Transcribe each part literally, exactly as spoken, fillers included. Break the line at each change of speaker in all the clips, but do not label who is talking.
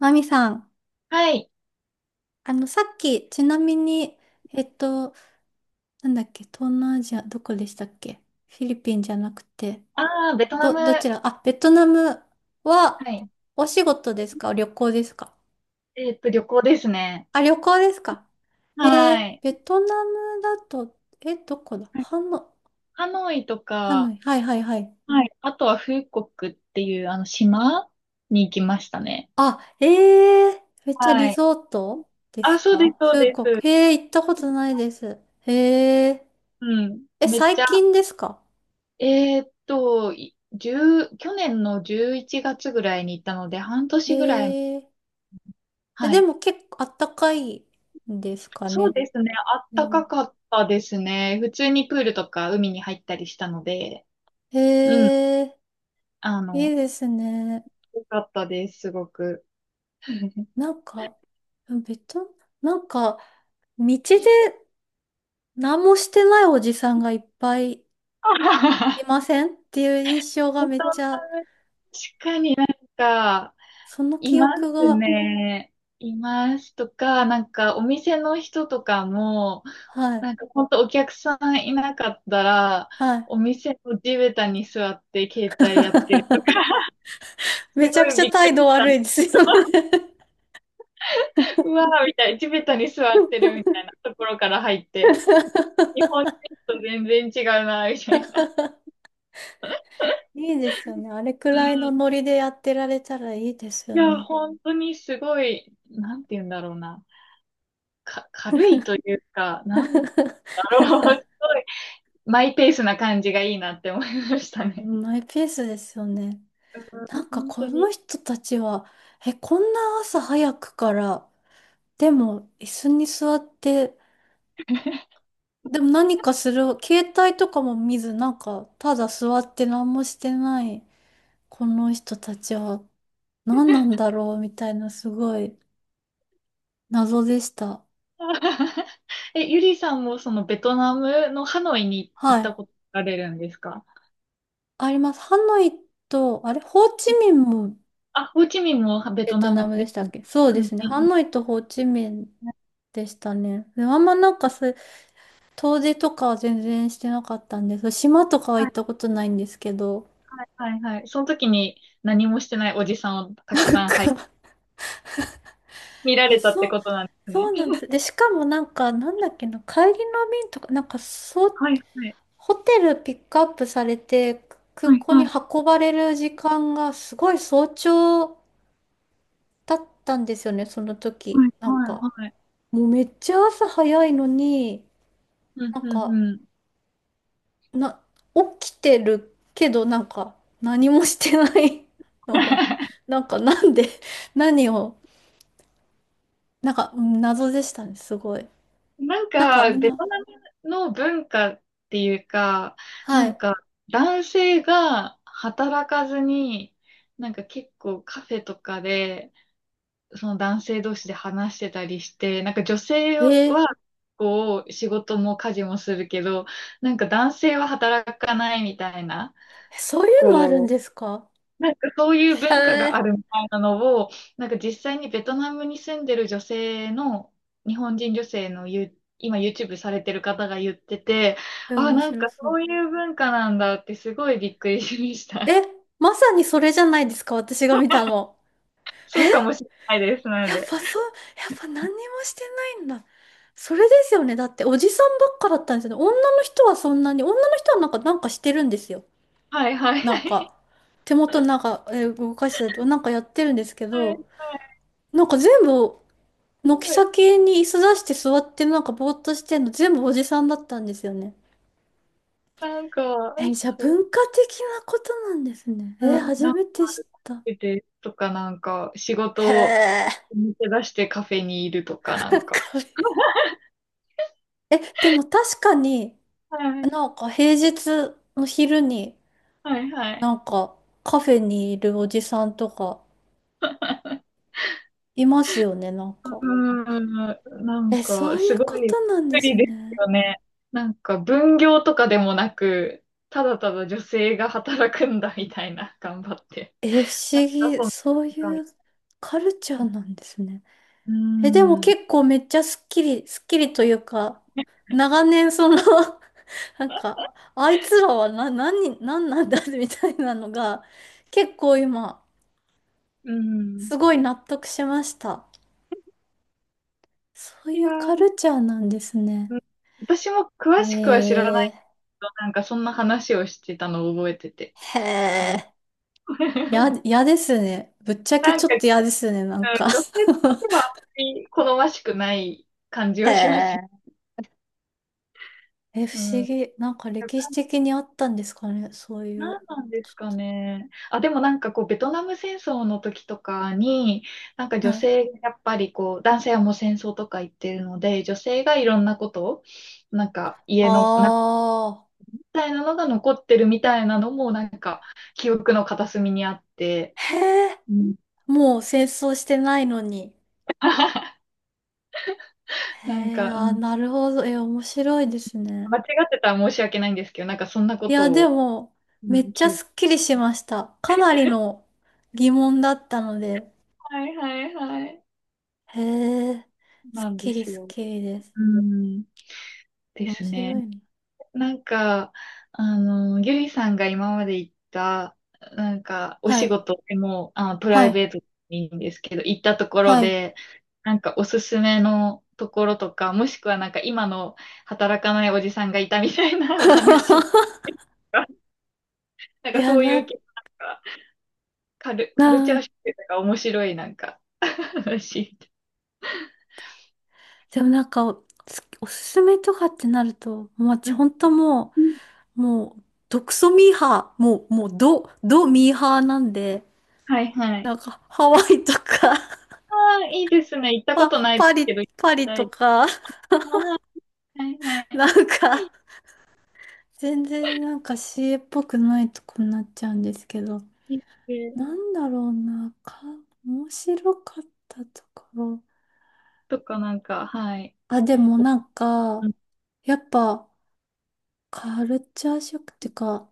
マミさん、
はい。
あの、さっき、ちなみに、えっと、なんだっけ、東南アジア、どこでしたっけ？フィリピンじゃなくて、
ああ、ベトナ
ど、
ム。
ど
は
ちら、あ、ベトナムは、
い。
お仕事ですか？旅行ですか？
えっと、旅行ですね。
あ、旅行ですか？えー、
は
ベ
い。
トナムだと、え、どこだ？ハノ、
ハノイと
ハノ
か。
イ、はいはいはい。
はい。あとはフーコックっていうあの島に行きましたね。
あ、えー、めっちゃリ
はい。
ゾートで
あ、
す
そうです、
か？
そう
フー
で
コ
す。
ク、えー、行ったことないです。えー、
うん。
え、
めっち
最
ゃ、
近ですか？
えーっと、いじゅう去年のじゅういちがつぐらいに行ったので、半
へ
年ぐらい。
え。え、
は
で
い。
も結構あったかいんですか
そう
ね。
ですね。あっ
う
た
ん、
かかったですね。普通にプールとか海に入ったりしたので、うん。
へえ、
あ
い
の、
いですね。
よかったです、すごく。
なんか、ベト、なんか、道で何もしてないおじさんがいっぱい い
確
ませんっていう印象がめっちゃ、
かになんか、
その
い
記
ま
憶
す
が、
ね。いますとか、なんかお店の人とかも、
は
な
い、
んか本当お客さんいなかったら、
はい。
お店の地べたに座って携帯やってるとか、
め
す
ち
ご
ゃく
い
ちゃ
びっく
態
り
度
した。
悪いですよね。
うわーみたいな、地べたに座ってるみたいなところから入って、日本人 と全然違うな、みたいな。
いいですよね。あれく
う
らいの
ん。
ノリでやってられたらいいです
い
よ
や、
ね。
本当にすごい、なんて言うんだろうな。か、軽いというか、なんだ ろう、すごい、マイペースな感じがいいなって思いましたね。
マイペースですよね。
う
な
ん
んか
本
こ
当
の
に。
人たちは、え、こんな朝早くから、でも椅子に座って、でも何かする、携帯とかも見ず、なんかただ座って何もしてない、この人たちは何なんだろうみたいなすごい謎でした。
え、ゆりさんもそのベトナムのハノイに行
は
った
い。
ことあれるんですか？
あります。ハノイと、あれ、ホーチミンも
あ、ホーチミンもベ
ベ
ト
ト
ナム
ナ
で
ムでした
す
っ
ね。
け？そうで
うん
すね。
う
ハ
んうん。
ノイとホーチミンでしたね。であんまなんかそういう遠出とかは全然してなかったんです。島とかは
は
行っ
い
たことないんですけど。
はいはいはい。その時に何もしてないおじさんを たく
なん
さん、はい、
か
見ら
え、
れたっ
そ
て
う、
ことなんです
そ
ね。
うなんで す。で、しかもなんか、なんだっけな、帰りの便とか、なんかそう、
はいはい。
ホテルピックアップされて、空
はい
港に
はい
運ばれる時間がすごい早朝だったんですよね、その時。
はい
なん
は
か、
いはい。
もうめっちゃ朝早いのに、
うん
なん
うん
か、
うん。
な、起きてるけど、なんか、何もしてないのは、なんか、なんで、何を、なんか、うん、謎でしたね、すごい。
なん
なんか、
か、
みん
ベ
な、
トナムの文化っていうか、な
は
ん
い。
か、男性が働かずに、なんか結構カフェとかで、その男性同士で話してたりして、なんか女性は、
へえ、
こう、仕事も家事もするけど、なんか男性は働かないみたいな、
そういうのあるん
こ
で
う。
すか？
なんかそういう
へ
文化があ
え、
るみたいなのを、なんか実際にベトナムに住んでる女性の、日本人女性のユ、今 YouTube されてる方が言ってて、
え
あ、
面
なん
白
か
そ
そ
う。
ういう文化なんだってすごいびっくりしまし
え、
た。
まさにそれじゃないですか、私が見たの。
そうかもしれないです、なの
やっ
で。
ぱそう、やっぱ何にもしてないんだ。それですよね。だっておじさんばっかだったんですよね。女の人はそんなに、女の人はなんか、なんかしてるんですよ。
はいはい
な
は
んか、
い。
手元なんか、えー動かしたりとか、なんかやってるんですけ
はいは
ど、
い。
なんか全部、
すご
軒
い
先に椅子出して座ってなんかぼーっとしてんの全部おじさんだったんですよね。
なんか、
えーじゃあ
そう、
文化的なことなんですね。
う
えー
ん、な
初
んか
めて知った。
出てとかなんか仕
へ
事を
え。
抜け出してカフェにいるとかな んか。
これえ、でも確かに、
はい
なんか平日の昼に、
はいはい。
なんかカフェにいるおじさんとかいますよね、なん
う
か。
ーん、なん
え、そ
か、
うい
す
う
ご
こ
い
となんで
不
す
利です
ね。
よね。なんか、分業とかでもなく、ただただ女性が働くんだみたいな、頑張って。
え、不
なん
思
か、
議。
そん
そう
な、
いうカルチャーなんですね。
うー
え、でも
ん、
結構めっちゃスッキリ、スッキリというか、長年その なんか、あいつらはな、何、何なんだ みたいなのが、結構今、
うん。
すごい納得しました。そう
い
い
や
うカ
ー、
ルチャーなんですね。
うん私も詳しくは知ら
え
ないけど、なんか、そんな話をしてたのを覚えてて。
ー、へ
はい
え、や、嫌ですね。ぶっちゃけ
なん
ちょ
か、
っ
うん
と嫌ですね、なん
女
か
性としてはあんまり好ましくない感じ
へ
はしますよ。
え。え、不
う
思
ん。
議。なんか歴史的にあったんですかね、そうい
なん
う。
なんです
ち
か
ょっ
ね。あ、でもなんかこう、ベトナム戦争の時とかに、なんか
と
女
はい。
性、やっぱりこう、男性はもう戦争とか言ってるので、女性がいろんなことを、なんか家の、な
あ
みたいなのが残ってるみたいなのも、なんか記憶の片隅にあって、
あ。へえ、
うん、
もう戦争してないのに。へ
なん
え、
か、う
あー、
ん、
なるほど。え、面白いですね。
間違ってたら申し訳ないんですけど、なんかそんなこ
いや、
と
で
を、
も、
う
めっ
ん、
ちゃ
記憶。
すっきりしました。かなりの疑問だったので。
はいはいはい。
へえ、す
な
っ
んで
きり
す
すっ
よ。
きりです。
うん、で
面
すね。
白いね。
なんか、あの、ゆりさんが今まで行った、なんか、お
は
仕
い、
事でも、あ、プラ
は
イ
い、
ベートでもいいんですけど、行ったところ
はい。
で、なんかおすすめのところとか、もしくはなんか今の働かないおじさんがいたみたいなお話と か、なん
い
か
や、
そういう
な、
系、なんかカル、カルチ
な
ャ
ん
ーショックとか面白いなんか話。
でもなんかお、すおすすめとかってなると、もう
う
私
ん
本当もう、もう、毒ソミーハー、もう、もう、ド、ドミーハーなんで、
はいはい。
なんか、ハワイとか、
ああ、いいですね。行っ たこ
パ、
とないで
パ
す
リ、
けど、行き
パリ
た
と
い。
か、
はいはい は
なんか、全然なんか シーエー っぽくないとこになっちゃうんですけど、
い。
なんだろうな、か、面白かったところ。
とかなんか、はい。
あ、でもなん
う
か、
ん
やっぱ、カルチャーショックっていうか、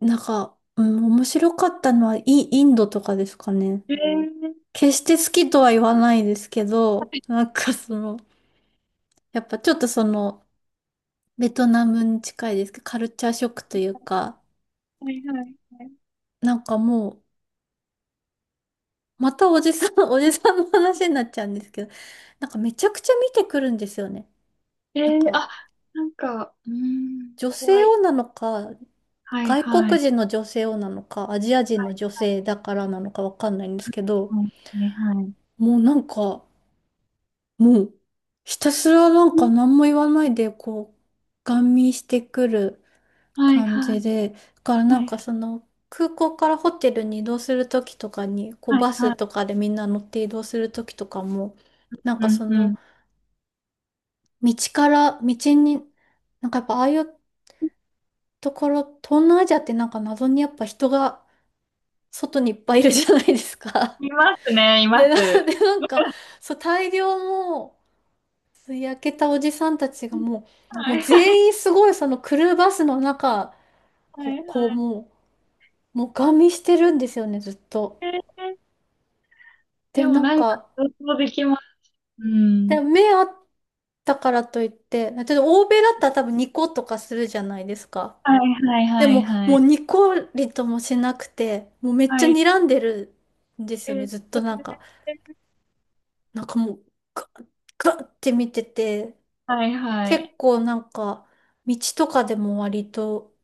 なんか、うん、面白かったのはイ、インドとかですかね。
えー、
決して好きとは言わないですけ
は
ど、
い
なんかその、やっぱちょっとその、ベトナムに近いですけど、カルチャーショックというか、
はいはいはい。
なんかもう、またおじさん、おじさんの話になっちゃうんですけど、なんかめちゃくちゃ見てくるんですよね。
え
なん
ー、
か、
あ、なんか、うーん、
女性
怖
を
い。
なのか、
はい
外
はい。
国人の女性をなのか、アジア人の
は
女性だからなのかわかんないんですけど、
いねはい。
もうなんか、もう、ひたすらなんか何も言わないで、こう、ガン見してくる
はい
感
は
じ
い。
で、だからな
は
ん
い
かその、空港からホテルに移動するときとかに、こう、
はい
バ
は
ス
い。
とかでみんな乗って移動するときとかも、なん
う
か
ん
そ
う
の、
ん。
道から、道に、なんかやっぱああいうところ、東南アジアってなんか謎にやっぱ人が外にいっぱいいるじゃないですか。
いますね、い
で、
ま
な、
す。
で、なんか、そう、大量も、焼けたおじさんたちがもう、も
は
う
い
全員すごいそのクルーバスの中
は
を
い
こう
はい。
もう、もうガン見してるんですよね、ずっと。
えー、
で、
でも
なん
なんか、
か、
想像できます。う
で、
ん。
目あったからといって、例えば欧米だったら多分ニコとかするじゃないですか。
はいはい
で
はい
も、
は
もう
い。
ニコリともしなくて、もうめっち
は
ゃ
い。
睨んでるんです
え
よね、
ー、
ずっとなんか、なんかもう、ガッガッって見てて、
はいはい。
結構なんか、道とかでも割と、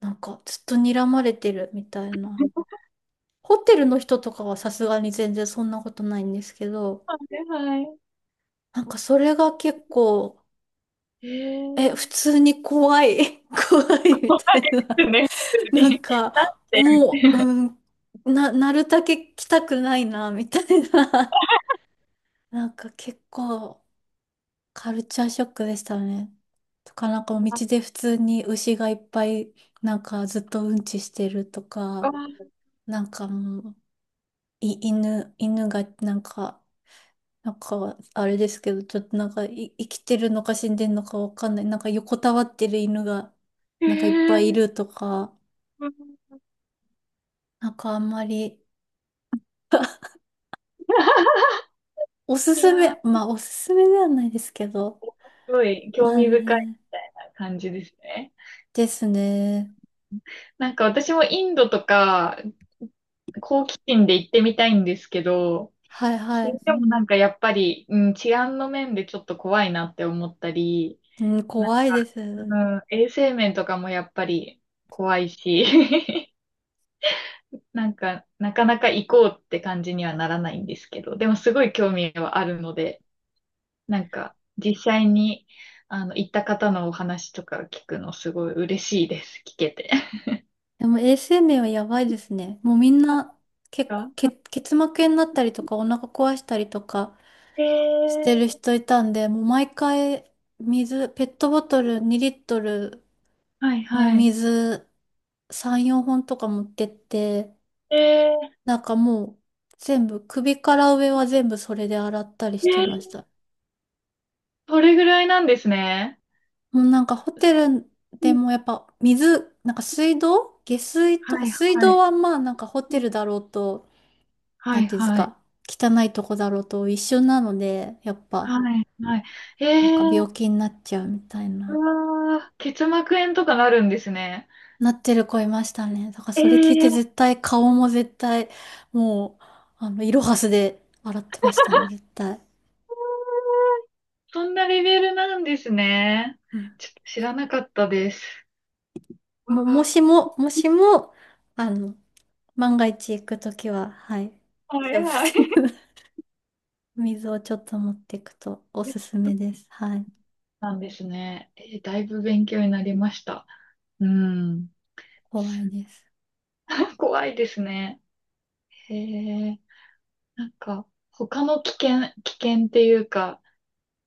なんかずっと睨まれてるみたいな。ホテルの人とかはさすがに全然そんなことないんですけど、
はいはい。
なんかそれが結構、
え
え、普
ー
通に怖い、怖い み
怖い
たい
で
な。
すね、普通
なん
に。だっ
か、
て、
もう、うん、な、なるだけ来たくないな、みたいな。なんか結構カルチャーショックでしたね。とか、なんか道で普通に牛がいっぱい、なんかずっとうんちしてると
あ
か、
あ、
なんかもう、い、犬、犬がなんか、なんか、あれですけど、ちょっとなんか、い、生きてるのか死んでるのかわかんない。なんか横たわってる犬が、
へ
なんかいっぱいい
え
るとか、
うん。
なんかあんまり おす
い
す
や
め、
ー、
まあおすすめではないですけど、
すごい興
まあ
味深い
ね、
みたいな感じですね。
ですね。
なんか私もインドとか、好奇心で行ってみたいんですけど、
はいは
聞
い。
もなんかやっぱり、うん、治安の面でちょっと怖いなって思ったり、
うん、
なんか、
怖いです。
うん、衛生面とかもやっぱり怖いし なんか、なかなか行こうって感じにはならないんですけど、でもすごい興味はあるので、なんか、実際に、あの、行った方のお話とか聞くのすごい嬉しいです。聞けて。
でも衛生面はやばいですね。もうみんな、結構、け、
あ
結膜炎になったりとか、お腹壊したりとか、
え
してる
ー、
人いたんで、もう毎回水、ペットボトルにリットル
はい
のお
はい。
水さん、よんほんとか持ってって、
え
なんかもう全部、首から上は全部それで洗ったりし
ー、
て
え
まし
ー、
た。
それぐらいなんですね。
もうなんかホテル
う
で
ん
もやっぱ水、なんか水道下水とか
はい
水
は
道
い。
はまあなんかホテルだろうと、
は
な
い
んていうんです
はい。
か、汚いとこだろうと一緒なので、やっぱ
はいはい。え
なんか病
ー、
気になっちゃうみたい
う
な。
わー、結膜炎とかなるんですね。
なってる子いましたね。だから
え
それ聞いて
ー、
絶対顔も絶対もうあのイロハスで笑ってましたね、絶対。
そんなレベルなんですね。
うん。
ちょっと知らなかったです。
も、も
あ
し
あ、
も、もしも、あの、万が一行くときは、はい、気をつ
早い。
ける。水をちょっと持っていくとおすすめです。はい。
なんですね。えーだいぶ勉強になりました。うん。
怖い
す
です。
ごい怖いですね。へえ。なんか、他の危険、危険っていうか、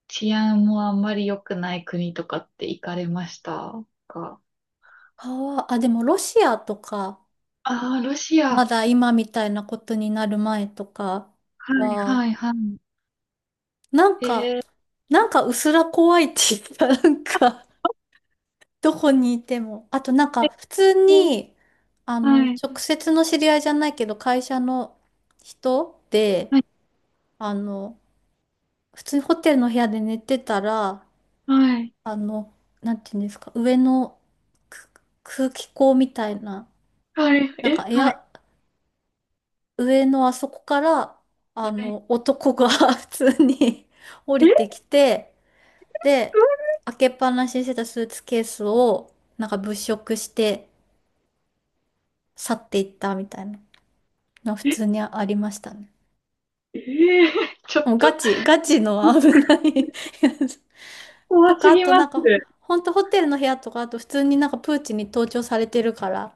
治安もあんまり良くない国とかって行かれましたか？
川、あ、でもロシアとか、
ああー、ロシ
ま
ア。
だ今みたいなことになる前とか
はい
は、
はいは
なん
い。へ
か、
え。
なんかうすら怖いって言ったら、なん
あ
かどこにいても。あとなんか
え
普通に、あ
は
の、
い
直接の知り合いじゃないけど、会社の人で、
は
あの、普通にホテルの部屋で寝てたら、
い
あの、なんていうんですか、上のく空気口みたいな、
はい。はい。
なん
え、
かエ
はい
ア、上のあそこから、あ
はい。
の、男が 普通に 降りて
え
きて、で、開けっぱなしにしてたスーツケースを、なんか物色して去っていったみたいな。の普
え
通にありましたね。
えーちょっ
もうガ
と
チ、ガチの危ないやつと
怖す
か、あ
ぎ
と
ま
なんか、
す。
ほんとホテルの部屋とか、あと普通になんかプーチンに盗聴されてるから、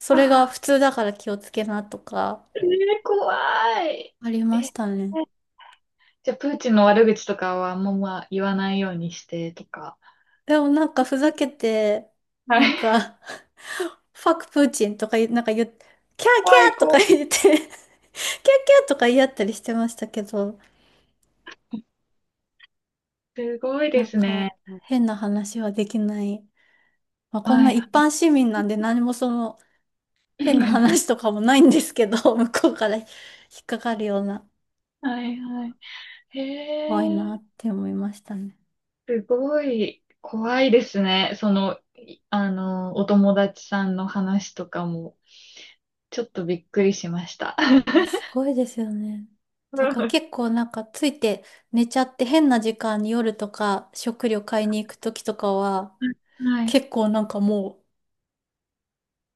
それが
あ
普通だから気をつけなとか、
ー、えー怖い。
あり
え
ました
ー
ね。
じゃあ、プーチンの悪口とかはあんままあ言わないようにしてとか。
でもなんかふざけて、
は
なん
い。
か ファクプーチンとか言う、なんか言う、キャーキ
怖い
ャーとか
子。
言ってキャーキャーとか言い合ったりしてましたけど、
すごい
な
で
ん
すね。
か変な話はできない。まあ、こん
は
な
いは
一
い。
般市民なんで何もその、変な話と かもないんですけど、向こうから引っかかるような、
はいはい。
怖い
へ
な
え、
って思いましたね。
すごい怖いですね。その、いあの、お友達さんの話とかも、ちょっとびっくりしました。
あ、す ごいですよね。だから
は
結構なんかついて寝ちゃって変な時間に夜とか食料買いに行く時とかは
い。
結構なんかも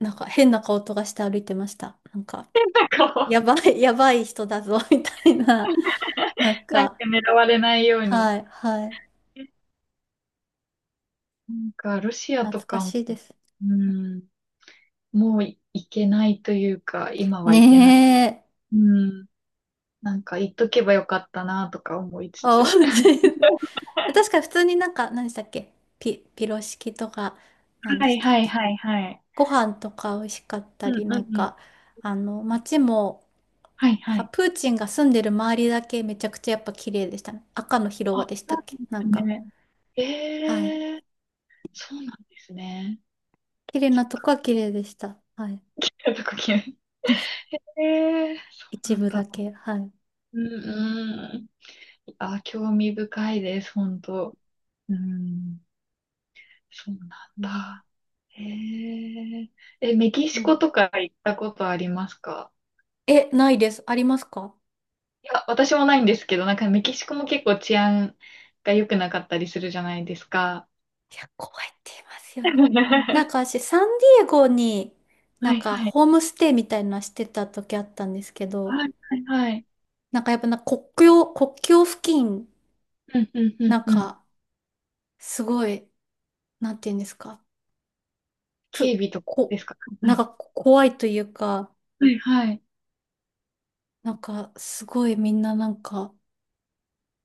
うなんか変な顔とかして歩いてました。なんか
変な顔。
やばい、やばい人だぞ みたいな。なん
なんか
か、
狙われないように。
はい、はい。
なんか、ロシアと
懐か
かも、
しいです。
うん、もういけないというか、今は
ね
いけない。
え。
うん、なんか、言っとけばよかったな、とか思いつ
あ、
つ。
普通に 確 かに普通になんか、何でしたっけピ、ピロシキとか、何で
は
し
い
たっ
はい
け
はいはい。
ご飯とか美味しかっ
う
たり、
んう
な
ん
ん
うん。
か、あの、街も、
はい
なん
は
か
い。
プーチンが住んでる周りだけめちゃくちゃやっぱ綺麗でしたね。赤の広場
あ、
でし
そ
た
う
っ
な
け
んで
なん
す
か、
ね。
はい。
ええーそうなんですね。
綺麗なとこは綺麗でした。はい。
やっぱこうええー、そう
一
な
部
ん
だ
だ。
け、はい。
うんうん。あ、興味深いです、本当。うん、そうなん
うん、
だ。へえ。え、メキ
う
シコ
ん。
とか行ったことありますか？
え、ないです。ありますか？
いや、私もないんですけど、なんかメキシコも結構治安が良くなかったりするじゃないですか。
いや、怖いって言います よね。なん
は
か私、サンディエゴに、な
は
ん
い
か
はい。
ホームステイみたいなのしてた時あったんですけど、
はいはいはい。
なんかやっぱな国境、国境付近、
うんうんう
な
ん
ん
うん。
か、すごい、なんて言うんですか、
警
く、
備とか
こ、
ですか？は
なん
い。
かこ怖いというか、
はいはい。
なんかすごいみんななんか、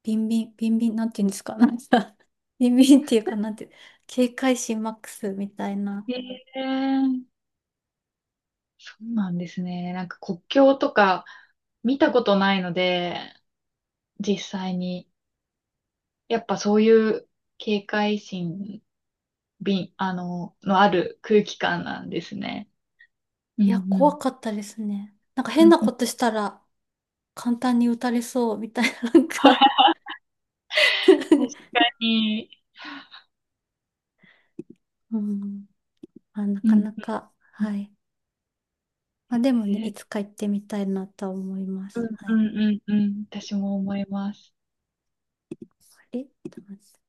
ビンビン、ビンビン、なんて言うんですか、なんか、ビンビンっていうか、なんて、警戒心マックスみたいな。
ええそうなんですね。なんか国境とか見たことないので、実際に。やっぱそういう警戒心、びん、あの、のある空気感なんですね。うん
い
う
や、怖
ん。
かったですね。なんか
う
変な
んう
こ
ん
としたら、簡単に打たれそうみたいな、なんか
確 かに。
うん。まあ、な
う
か
ん
なか、
うん
はい。まあでもね、いつか行ってみたいなとは思いま
うん
す。は
う
い。
んうんうん。私も思います。
あれちょっと待って